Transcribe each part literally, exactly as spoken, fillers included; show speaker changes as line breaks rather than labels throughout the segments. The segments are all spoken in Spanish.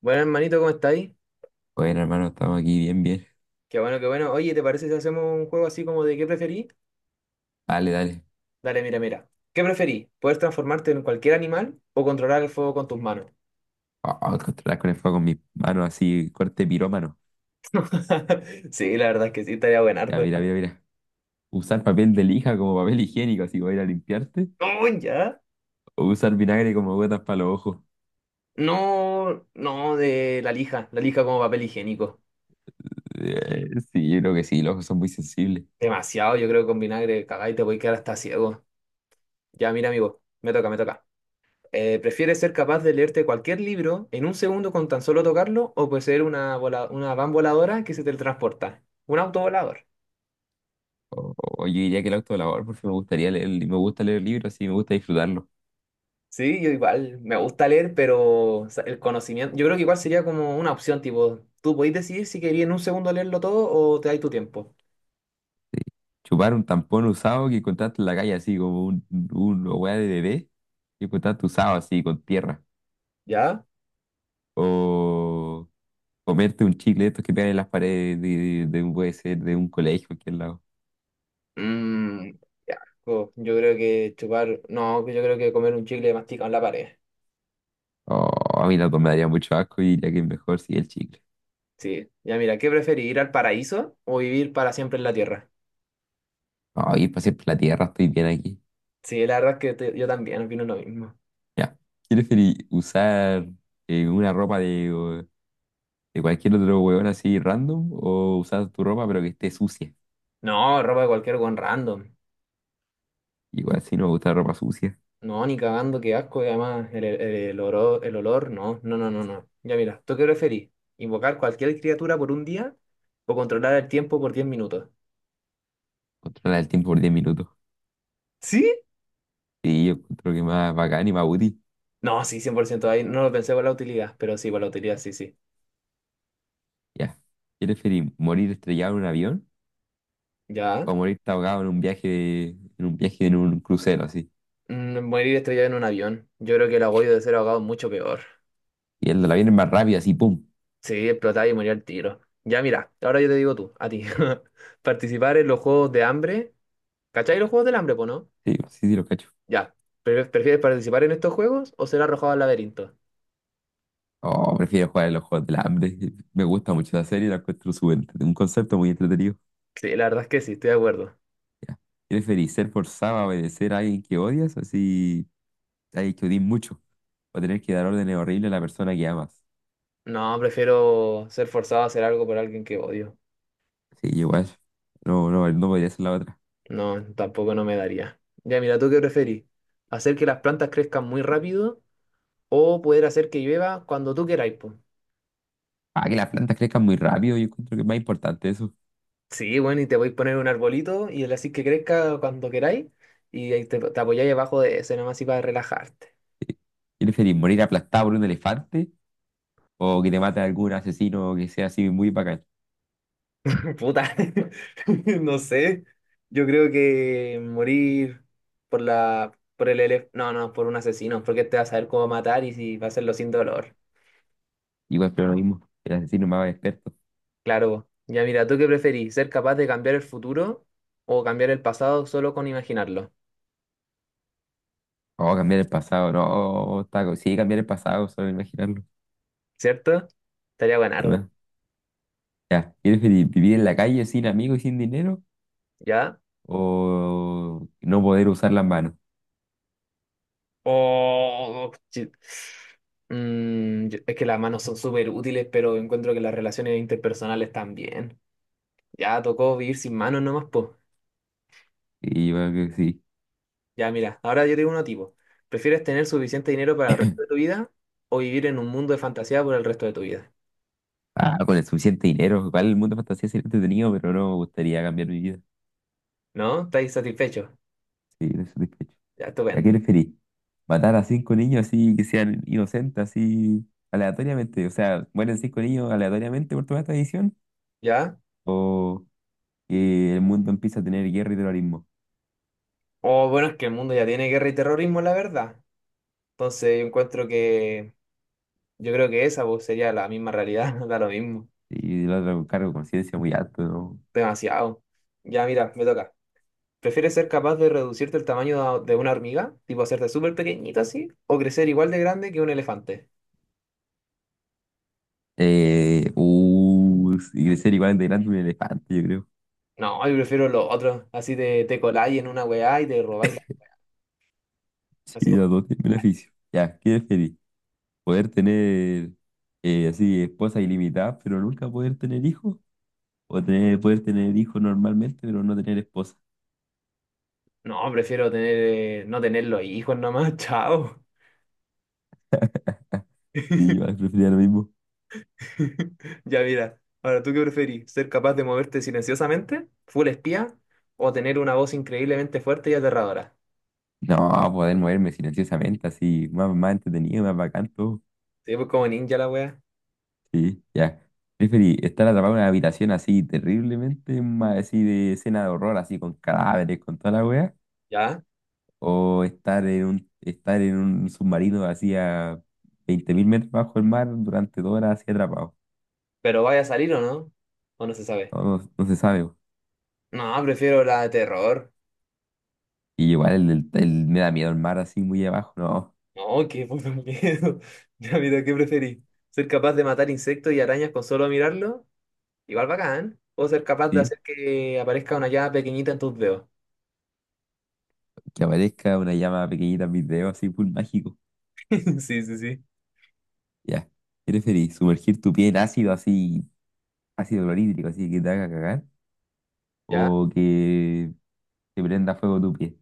Bueno, hermanito, ¿cómo estáis?
Bueno, hermano, estamos aquí bien, bien.
Qué bueno, qué bueno. Oye, ¿te parece si hacemos un juego así como de qué preferí?
Dale, dale.
Dale, mira, mira. ¿Qué preferí? ¿Poder transformarte en cualquier animal o controlar el fuego con tus manos?
Oh, controlar con el fuego con mis manos así, corte pirómano.
Sí, la verdad es que sí, estaría
Ya,
buenardo.
mira, mira, mira. Usar papel de lija como papel higiénico, así para ir a limpiarte.
No, ya.
O usar vinagre como gotas para los ojos.
No, no, de la lija. La lija como papel higiénico.
Eh, sí, yo creo que sí, los ojos son muy sensibles.
Demasiado, yo creo que con vinagre cagáis te voy a quedar hasta ciego. Ya, mira, amigo, me toca, me toca. Eh, ¿prefieres ser capaz de leerte cualquier libro en un segundo con tan solo tocarlo o poseer una, vola- una van voladora que se teletransporta? Un autovolador.
O, o yo diría que el autolavor, porque me gustaría leer, me gusta leer libros y me gusta disfrutarlo.
Sí, yo igual, me gusta leer, pero o sea, el conocimiento, yo creo que igual sería como una opción, tipo, tú podés decidir si querías en un segundo leerlo todo o te dais tu tiempo,
Chupar un tampón usado que encontraste en la calle, así como un, un una weá de bebé que encontraste usado, así, con tierra.
¿ya?
O. Comerte un chicle de estos que pegan en las paredes de, de un, puede ser de un colegio, cualquier lado.
Mm, ya, co- yo creo que chupar, no, yo creo que comer un chicle masticado en la pared,
Oh, a mí la me daría mucho asco y diría que es mejor si el chicle.
sí. Ya mira, ¿qué preferís, ir al paraíso o vivir para siempre en la tierra?
Oh, ir para siempre por la tierra, estoy bien aquí.
Sí, la verdad es que te- yo también opino lo mismo.
Ya. ¿Qué preferís? ¿Usar eh, una ropa de, o- de cualquier otro huevón así random o usar tu ropa pero que esté sucia?
No, ropa de cualquier con random.
Igual si no me gusta la ropa sucia,
No, ni cagando, qué asco. Y además, el, el, el olor, el olor, no, no, no, no, no. Ya mira, ¿tú qué preferís? ¿Invocar cualquier criatura por un día o controlar el tiempo por diez minutos?
controla el tiempo por diez minutos.
¿Sí?
Sí, yo creo que más bacán y más útil.
No, sí, cien por ciento. Ahí no lo pensé por la utilidad, pero sí, por la utilidad, sí, sí.
Ya. ¿Qué preferís? ¿Morir estrellado en un avión
Ya.
o morir ahogado en un viaje, en un viaje en un crucero así?
Mm, morir estrellado en un avión. Yo creo que el agobio de ser ahogado es mucho peor.
Y el de la viene más rápida, así, ¡pum!
Sí, explotar y morir al tiro. Ya mira, ahora yo te digo tú, a ti. Participar en los juegos de hambre. ¿Cachai los juegos del hambre, po, no?
Sí, sí, sí, lo cacho.
Ya. ¿Pre- ¿Prefieres participar en estos juegos o ser arrojado al laberinto?
Oh, prefiero jugar en los juegos del hambre. Me gusta mucho la serie, la encuentro súper entre- un concepto muy entretenido.
Sí, la verdad es que sí, estoy de acuerdo.
Ya. ¿Preferís ser forzado a obedecer a alguien que odias, así a alguien que odies mucho, o tener que dar órdenes horribles a la persona que amas?
No, prefiero ser forzado a hacer algo por alguien que odio.
Sí, igual. No, no, no podría ser la otra.
No, tampoco no me daría. Ya, mira, ¿tú qué preferís? ¿Hacer que las plantas crezcan muy rápido o poder hacer que llueva cuando tú queráis, po?
Ah, que las plantas crezcan muy rápido, yo encuentro que es más importante eso.
Sí, bueno, y te voy a poner un arbolito y le así que crezca cuando queráis y ahí te, te apoyáis abajo de ese nomás y para relajarte.
Sí. ¿Y preferís morir aplastado por un elefante o que te mate algún asesino que sea así muy bacán?
Puta, no sé. Yo creo que morir por la, por el elef- no, no, por un asesino, porque te vas a saber cómo matar y si va a hacerlo sin dolor.
Igual, pero lo mismo, el asesino más experto.
Claro. Ya mira, ¿tú qué preferís? ¿Ser capaz de cambiar el futuro o cambiar el pasado solo con imaginarlo?
Oh, cambiar el pasado, no, está, co- sí, cambiar el pasado, solo imaginarlo.
¿Cierto? Estaría
¿Qué
ganarla,
más? Ya, ¿quieres vi- vivir en la calle sin amigos y sin dinero?
¿ya?
¿O no poder usar las manos?
Oh, chi- mm, yo- es que las manos son súper útiles, pero encuentro que las relaciones interpersonales también. Ya tocó vivir sin manos nomás, pues.
Y yo creo que sí.
Ya, mira, ahora yo tengo uno tipo. ¿Prefieres tener suficiente dinero para el resto de tu vida o vivir en un mundo de fantasía por el resto de tu vida?
Ah, con el suficiente dinero, igual el mundo de fantasía sería entretenido, pero no me gustaría cambiar mi vida.
¿No? ¿Estáis satisfechos?
Sí, no estoy satisfecho.
Ya,
¿A qué
estupendo.
preferís? ¿Matar a cinco niños así que sean inocentes, así aleatoriamente? O sea, ¿mueren cinco niños aleatoriamente por toda esta edición?
¿Ya?
¿O que el mundo empieza a tener guerra y terrorismo?
O bueno, es que el mundo ya tiene guerra y terrorismo, la verdad. Entonces yo encuentro que, yo creo que esa pues, sería la misma realidad, da lo mismo.
Y el otro con cargo de conciencia muy alto, ¿no?
Demasiado. Ya, mira, me toca. ¿Prefieres ser capaz de reducirte el tamaño de de una hormiga, tipo hacerte súper pequeñito así, o crecer igual de grande que un elefante?
Eh, uh, y ser igual de grande un elefante, yo creo.
No, yo prefiero lo otro. Así te, te coláis en una weá y te robáis.
Sí,
Así como,
los dos tienen beneficio. Ya, ¿qué feliz? ¿Poder tener eh, así esposa ilimitada, pero nunca poder tener hijos? ¿O tener, poder tener hijos normalmente, pero no tener esposa?
no, prefiero tener, eh, no tener los hijos nomás, chao.
Sí, yo igual preferiría lo mismo.
Ya mira, ahora tú qué preferís, ser capaz de moverte silenciosamente, full espía, o tener una voz increíblemente fuerte y aterradora.
No, poder moverme silenciosamente, así, más, más entretenido, más bacán, todo.
Sí, pues como ninja la wea,
Sí, ya. Preferí estar atrapado en una habitación así terriblemente, ma- así de escena de horror, así con cadáveres, con toda la wea,
ya.
o estar en un, estar en un submarino así a veinte mil metros bajo el mar durante dos horas así atrapado.
Pero vaya a salir o no, o no se sabe.
No, no- no se sabe, po.
No, prefiero la de terror.
Y igual el, el- el- me da miedo el mar así muy abajo, no.
No, qué puto miedo. Ya mira, ¿qué preferís? ¿Ser capaz de matar insectos y arañas con solo mirarlo? Igual bacán. O ser capaz de
Sí,
hacer que aparezca una llave pequeñita en tus dedos.
que aparezca una llama pequeñita en mis dedos así, full mágico.
Sí, sí, sí.
Ya. ¿Qué preferís? ¿Sumergir tu pie en ácido así, ácido clorhídrico, así que te haga cagar?
¿Ya?
¿O que te prenda fuego tu pie?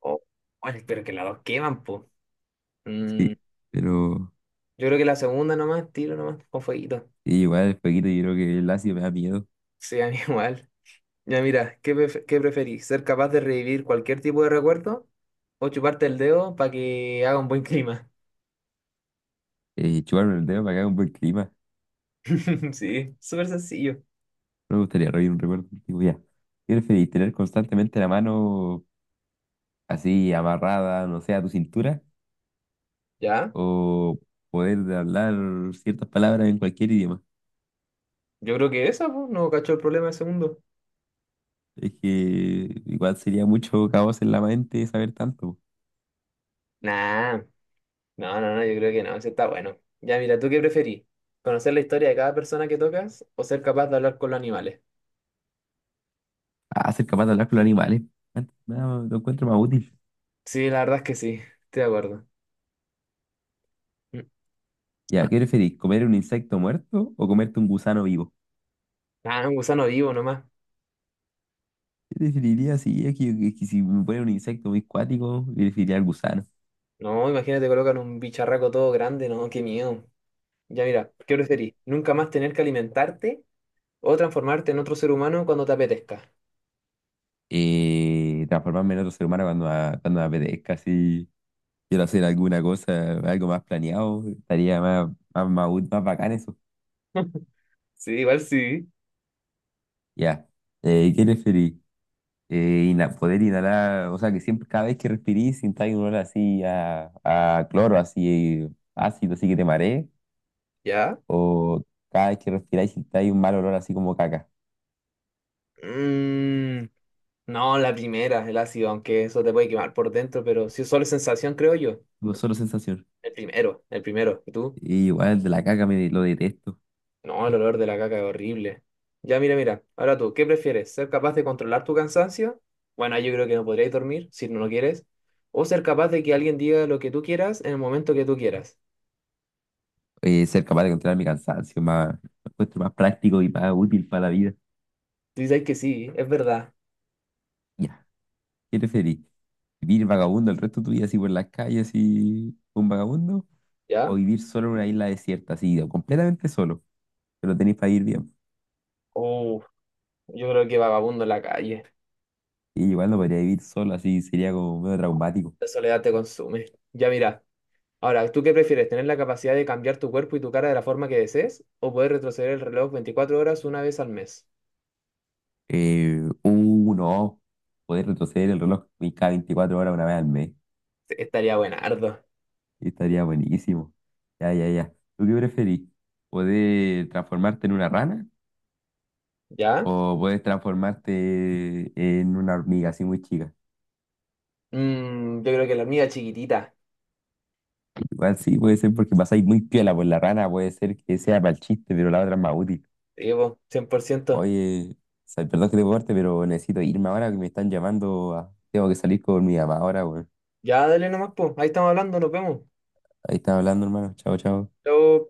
O bueno, pero que las dos queman, pues. Mm,
Sí, pero
yo creo que la segunda nomás, tiro nomás, con fueguito.
sí, igual el fueguito, yo creo que el ácido me da miedo.
Sí, a mí igual. Ya mira, ¿qué, pref- qué preferís? ¿Ser capaz de revivir cualquier tipo de recuerdo o chuparte el dedo para que haga un buen clima?
Eh, chuparme el dedo para que haga un buen clima.
Sí, súper sencillo.
No me gustaría revivir un recuerdo antiguo ya. ¿Qué preferís? ¿Tener constantemente la mano así amarrada, no sé, a tu cintura?
¿Ya?
¿O poder hablar ciertas palabras en cualquier idioma?
Yo creo que esa, pues, no cacho el problema del segundo.
Es que igual sería mucho caos en la mente saber tanto.
Nah, no, no, no, yo creo que no, ese está bueno. Ya mira, ¿tú qué preferís? ¿Conocer la historia de cada persona que tocas o ser capaz de hablar con los animales?
Ah, ser capaz de hablar con los animales. Antes que nada, lo encuentro más útil.
Sí, la verdad es que sí, estoy de acuerdo. Mm.
Ya, ¿qué preferís? ¿Comer un insecto muerto o comerte un gusano vivo?
Ah, un gusano vivo nomás.
Yo definiría así, es que, es que si me pone un insecto muy cuático, yo definiría al gusano.
No, imagínate, colocan un bicharraco todo grande, no, qué miedo. Ya mira, ¿qué preferís? ¿Nunca más tener que alimentarte o transformarte en otro ser humano cuando te apetezca?
Eh, transformarme en otro ser humano cuando, a- cuando me apetezca, si quiero hacer alguna cosa, algo más planeado, estaría más, más, más, ú- más bacán eso.
Sí, igual sí.
Ya. Eh, ¿qué preferís? Eh, ina- poder inhalar, o sea, que siempre, cada vez que respirís, sintáis un olor así a, a, cloro, así ácido, así que te marees,
¿Ya?
o cada vez que respiráis, sintáis un mal olor así como caca.
Mm, no, la primera, el ácido, aunque eso te puede quemar por dentro, pero si es solo sensación, creo yo.
Como solo sensación.
El primero, el primero. ¿Y tú?
Y igual de la caca me lo detesto.
No, el olor de la caca es horrible. Ya, mira, mira. Ahora tú, ¿qué prefieres? ¿Ser capaz de controlar tu cansancio? Bueno, yo creo que no podrías dormir si no lo quieres. ¿O ser capaz de que alguien diga lo que tú quieras en el momento que tú quieras?
Eh, ser capaz de controlar mi cansancio, más, lo encuentro más práctico y más útil para la vida.
Tú dices que sí, es verdad.
Ya, ¿qué preferís? ¿Vivir vagabundo el resto de tu vida así por las calles, así un vagabundo? ¿O
¿Ya?
vivir solo en una isla desierta, así, o completamente solo? Pero tenéis para ir bien.
Uh, yo creo que vagabundo en la calle.
Y igual no podría vivir solo, así sería como medio traumático.
La soledad te consume. Ya, mira. Ahora, ¿tú qué prefieres? ¿Tener la capacidad de cambiar tu cuerpo y tu cara de la forma que desees? ¿O poder retroceder el reloj veinticuatro horas una vez al mes?
Eh, uh, no, poder retroceder el reloj cada veinticuatro horas una vez al mes.
Estaría buenardo.
Estaría buenísimo. Ya, ya, ya. ¿Tú qué preferís? ¿Poder transformarte en una rana?
¿Ya?
O puedes transformarte en una hormiga así muy chica.
Mm, yo creo que la mía chiquitita.
Igual sí, puede ser porque pasáis muy piola por la rana, puede ser que sea para el chiste, pero la otra es más útil.
Sí, po, cien por ciento.
Oye, o sea, perdón que te corte, pero necesito irme ahora que me están llamando. a- Tengo que salir con mi mamá ahora, weón.
Ya, dale nomás, po. Ahí estamos hablando, nos vemos.
Ahí están hablando, hermano. Chao, chao.
Chao.